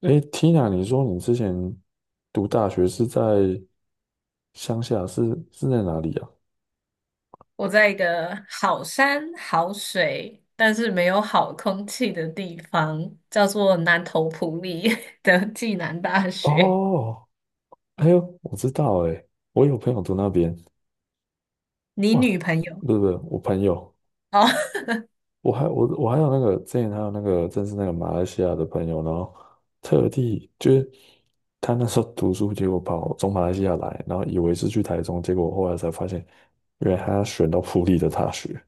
诶，Tina，你说你之前读大学是在乡下，是在哪里啊？我在一个好山好水，但是没有好空气的地方，叫做南投埔里 的暨南大学。哦，哎呦，我知道诶，我有朋友读那边。你哇，女朋友不是不是，我朋友。哦？我还有那个之前还有那个，正是那个马来西亚的朋友，然后特地就是他那时候读书，结果从马来西亚来，然后以为是去台中，结果后来才发现，原来他选到普利的大学，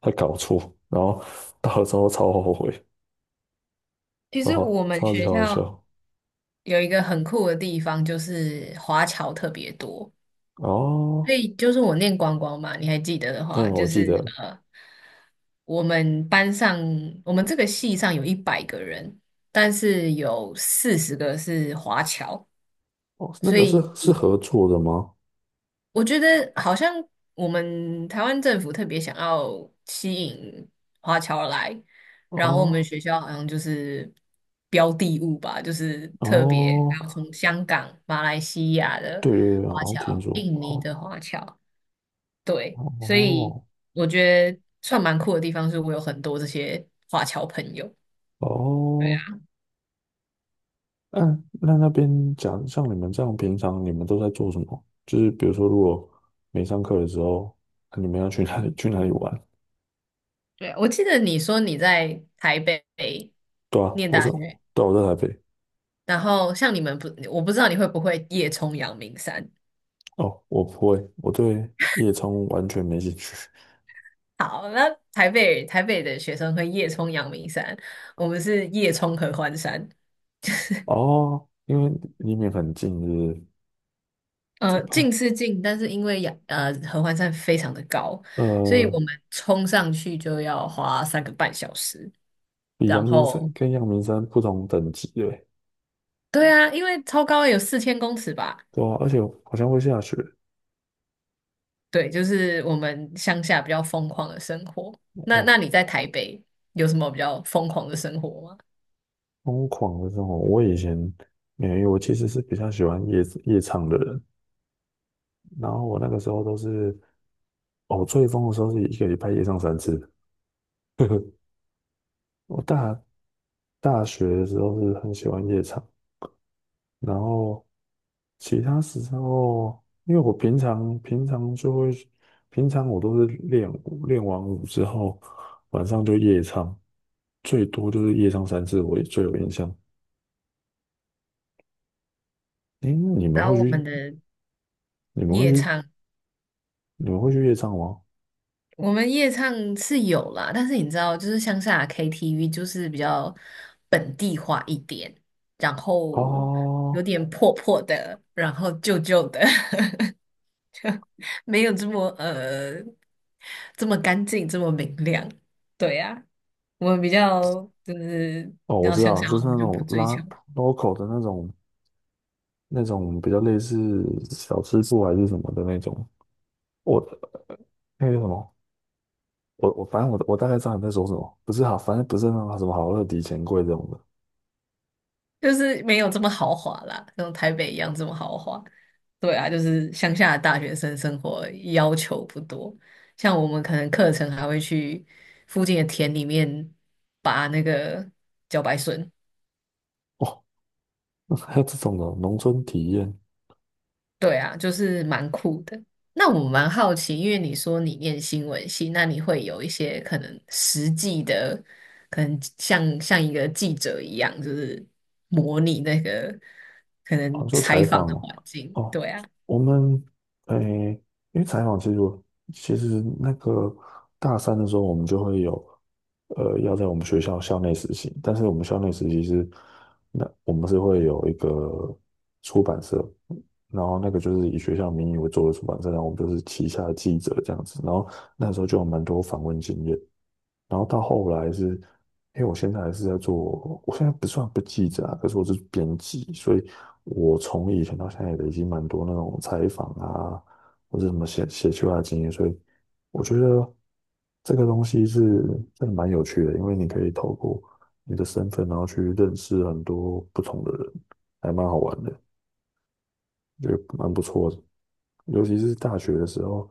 他搞错，然后到了之后超后悔。其超实好，我们超级学好校笑有一个很酷的地方，就是华侨特别多。哦。所以就是我念光光嘛，你还记得的嗯，话，我就记是得。呃，我们班上我们这个系上有100个人，但是有40个是华侨。哦，那所个是以是比合作的吗？我觉得好像我们台湾政府特别想要吸引华侨来，然后我们哦学校好像就是标的物吧，就是特别哦，还有从香港、马来西亚的对对对，华好像听侨、说印尼哦的华侨。对，所以哦我觉得算蛮酷的地方是我有很多这些华侨朋友。哦。嗯，那边讲，像你们这样平常你们都在做什么？就是比如说，如果没上课的时候，啊你们要去哪里去哪里玩？对，我记得你说你在台北对啊，念大学，对啊我在台北。然后像你们不，我不知道你会不会夜冲阳明山。哦，我不会，我对夜冲完全没兴趣。好，那台北的学生会夜冲阳明山，我们是夜冲合欢山。哦，因为离你们很近，是不呃，是？哦。近是近，但是因为合欢山非常的高，所以呃，我们冲上去就要花3个半小时。比阳然明山后，跟阳明山不同等级的欸。对啊，因为超高有4000公尺吧？对啊，而且好像会下雪。对，就是我们乡下比较疯狂的生活。那哦，你在台北有什么比较疯狂的生活吗？疯狂的这种，我以前没有，因为我其实是比较喜欢夜唱的人，然后我那个时候都是，哦，我最疯的时候是一个礼拜夜唱三次。我大学的时候是很喜欢夜唱，然后其他时候，因为我平常就会，平常我都是练舞，练完舞之后晚上就夜唱，最多就是夜唱三次，我也最有印象。诶，那你们然会后我们去？的你们会夜去？唱你们会去夜唱吗？我们夜唱是有啦，但是你知道，就是乡下 KTV 就是比较本地化一点，然后有哦点破破的，然后旧旧的，就没有这么这么干净，这么明亮。对呀，我们比较就是哦，你知我道知乡道，下就话，我是们那就不种追拉 求。local 的那种，那种比较类似小吃部还是什么的那种。我那个什么，我反正我大概知道你在说什么，不是好，反正不是那种什么好乐迪钱柜这种的。就是没有这么豪华啦，像台北一样这么豪华。对啊，就是乡下的大学生生活要求不多，像我们可能课程还会去附近的田里面拔那个茭白笋。哦，还有这种的农村体验。对啊，就是蛮酷的。那我蛮好奇，因为你说你念新闻系，那你会有一些可能实际的，可能像一个记者一样，就是模拟那个可哦，能做采采访访的哦，环境。哦对啊，我们，诶，因为采访其实那个大三的时候，我们就会有，要在我们学校校内实习，但是我们校内实习是，那我们是会有一个出版社，然后那个就是以学校名义为做的出版社，然后我们就是旗下的记者这样子，然后那时候就有蛮多访问经验，然后到后来是，因为我现在还是在做，我现在不算不记者啊，可是我是编辑，所以我从以前到现在也累积蛮多那种采访啊，或者什么写写出来的经验，所以我觉得这个东西是真的蛮有趣的，因为你可以透过你的身份，然后去认识很多不同的人，还蛮好玩的，觉得蛮不错的。尤其是大学的时候，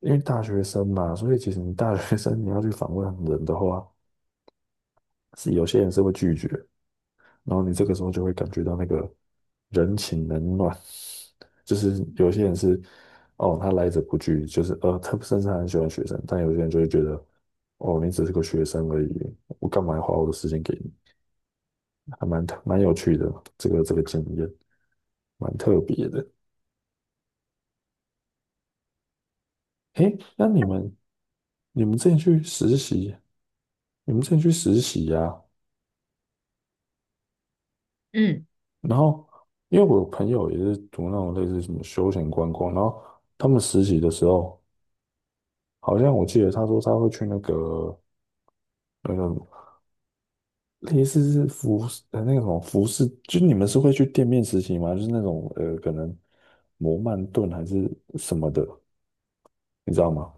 因为大学生嘛，所以其实你大学生你要去访问人的话。是有些人是会拒绝，然后你这个时候就会感觉到那个人情冷暖，就是有些人是哦，他来者不拒，就是他甚至很喜欢学生，但有些人就会觉得哦，你只是个学生而已，我干嘛要花我的时间给你？还蛮有趣的，这个经验蛮特别的。诶，那你们之前去实习，你们之前去实习呀、嗯。然后，因为我有朋友也是读那种类似什么休闲观光，然后他们实习的时候，好像我记得他说他会去那个类似是服饰，就你们是会去店面实习吗？就是那种可能摩曼顿还是什么的，你知道吗？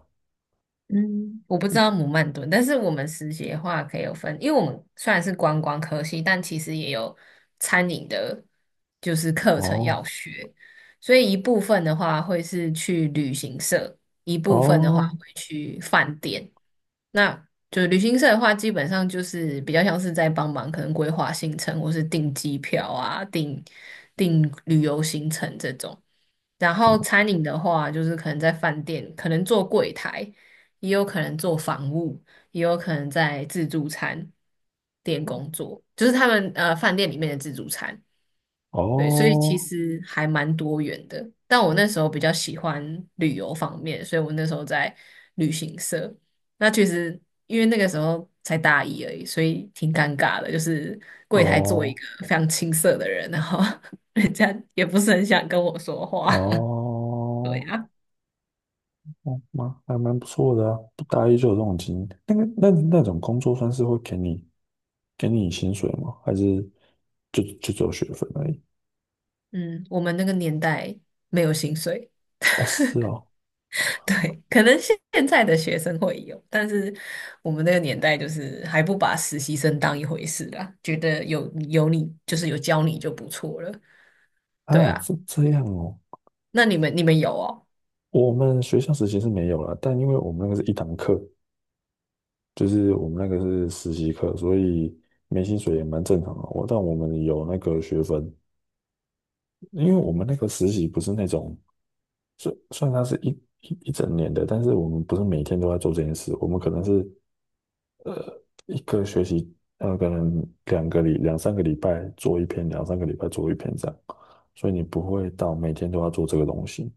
嗯，我不知道姆曼顿，但是我们实习的话可以有分，因为我们虽然是观光科系，但其实也有餐饮的，就是课程要哦学，所以一部分的话会是去旅行社，一部分的话哦会去饭店，那就是旅行社的话，基本上就是比较像是在帮忙，可能规划行程或是订机票啊、订旅游行程这种。然后餐饮的话，就是可能在饭店，可能做柜台，也有可能做房务，也有可能在自助餐店工作，就是他们饭店里面的自助餐。哦对，所以其哦实还蛮多元的。但我那时候比较喜欢旅游方面，所以我那时候在旅行社。那其实因为那个时候才大一而已，所以挺尴尬的，就是柜台做一哦个非常青涩的人，然后 人家也不是很想跟我说话。对哦。呀。哦，还蛮不错的啊，不打一就有这种经验。那种工作算是会给你薪水吗？还是就只有学分而已？嗯，我们那个年代没有薪水。哦，是哦。对，可能现在的学生会有，但是我们那个年代就是还不把实习生当一回事啦，觉得有你就是有教你就不错了。对啊，啊，这样哦。那你们有哦？我们学校实习是没有了，但因为我们那个是一堂课，就是我们那个是实习课，所以没薪水也蛮正常的哦。我但我们有那个学分，因为我们那个实习不是那种虽算它是一整年的，但是我们不是每天都在做这件事，我们可能是一个学期，可能两三个礼拜做一篇，两三个礼拜做一篇这样，所以你不会到每天都要做这个东西，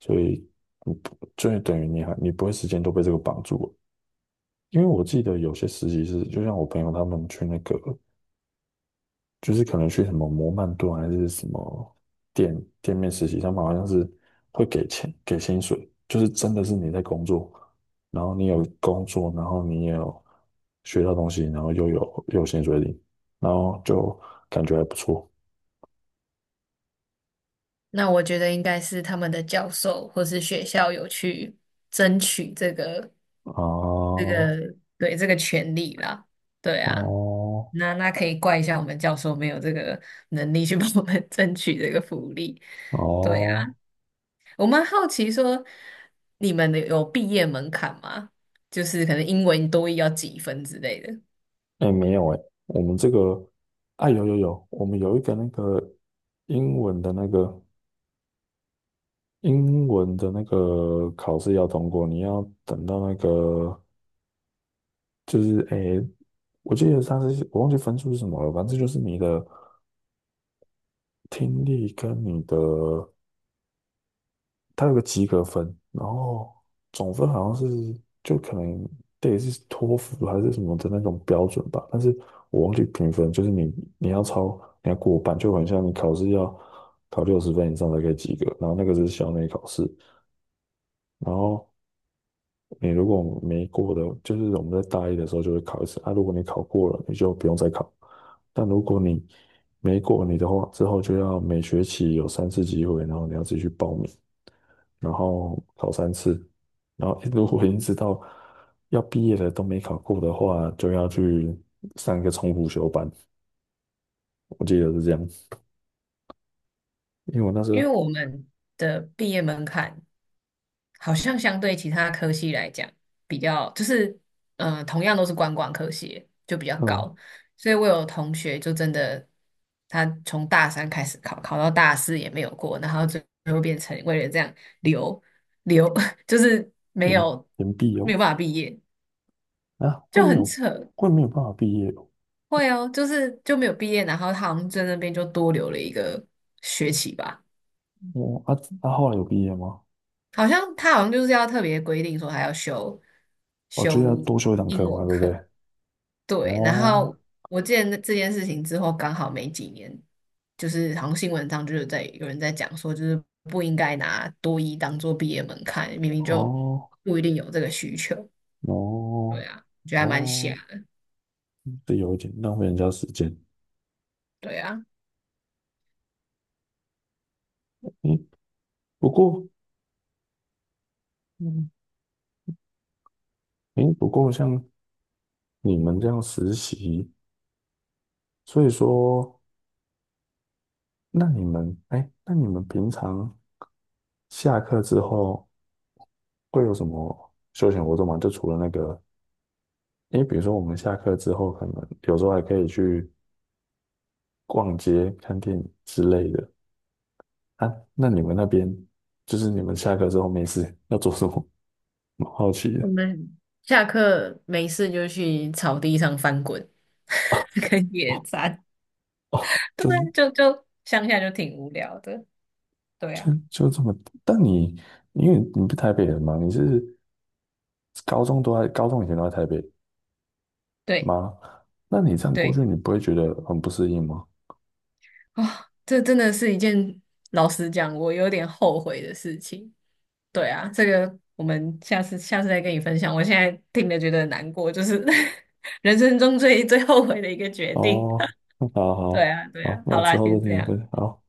所以你不，就等于你不会时间都被这个绑住了。因为我记得有些实习是，就像我朋友他们去那个就是可能去什么摩曼顿还是什么店店面实习，他们好像是会给钱给薪水，就是真的是你在工作，然后你有工作，然后你也有学到东西，然后又有薪水领，然后就感觉还不错。那我觉得应该是他们的教授或是学校有去争取这个这哦个对这个权利啦。对啊，哦那可以怪一下我们教授没有这个能力去 帮我们 争取这个福利。对啊，哦，我蛮好奇说你们的有毕业门槛吗？就是可能英文多益要几分之类的，哎、没有哎、我们这个啊有有有，我们有一个那个英文的那个英文的那个考试要通过，你要等到那个就是诶，我记得上次我忘记分数是什么了，反正就是你的听力跟你的，它有个及格分，然后总分好像是就可能对是托福还是什么的那种标准吧，但是我忘记评分，就是你要过半，就很像你考试要考60分以上才可以及格，然后那个是校内考试，然后。你如果没过的，就是我们在大一的时候就会考一次啊。如果你考过了，你就不用再考。但如果你没过你的话，之后就要每学期有三次机会，然后你要自己去报名，然后考三次。然后 如果一直到要毕业了都没考过的话，就要去上一个重辅修班。我记得是这样，因为我那时因候。为我们的毕业门槛。好像相对其他科系来讲，比较就是，同样都是观光科系，就比较高。嗯所以我有同学就真的，他从大三开始考，考到大四也没有过，然后最后变成为了这样留留，就是没延有延毕没哦。有办法毕业，啊会就没很有扯。会没有办法毕业哦。会哦，就是就没有毕业，然后他好像在那边就多留了一个学期吧。我啊啊后来有毕业吗？好像他好像就是要特别规定说还要修哦，就是要修多修一堂英课嘛，文对不课。对？对，然哦后我记得那这件事情之后，刚好没几年，就是好像新闻上就是在有人在讲说，就是不应该拿多一当做毕业门槛，明明就哦不一定有这个需求。对哦啊，我觉得还蛮瞎哦，的。这有一点浪费人家时间。对啊，诶，不过，嗯，不过像你们这样实习，所以说，那你们平常下课之后会有什么休闲活动吗？就除了那个，因为比如说我们下课之后，可能有时候还可以去逛街、看电影之类的啊。那你们那边，就是你们下课之后没事 要做什么？蛮好奇我的。们下课没事就去草地上翻滚。跟野哦餐，哦，对就啊，是就乡下就挺无聊的。对啊，就这么，但你因为你不是台北人嘛，你是高中以前都在台北对吗？那你这样过对。去，你不会觉得很不适应吗？啊，这真的是一件老实讲，我有点后悔的事情。对啊，这个我们下次再跟你分享。我现在听了觉得很难过，就是 人生中最后悔的一个决定。哦，好 对好啊，对好，啊，那好我之啦，后先再这听你样。分享。好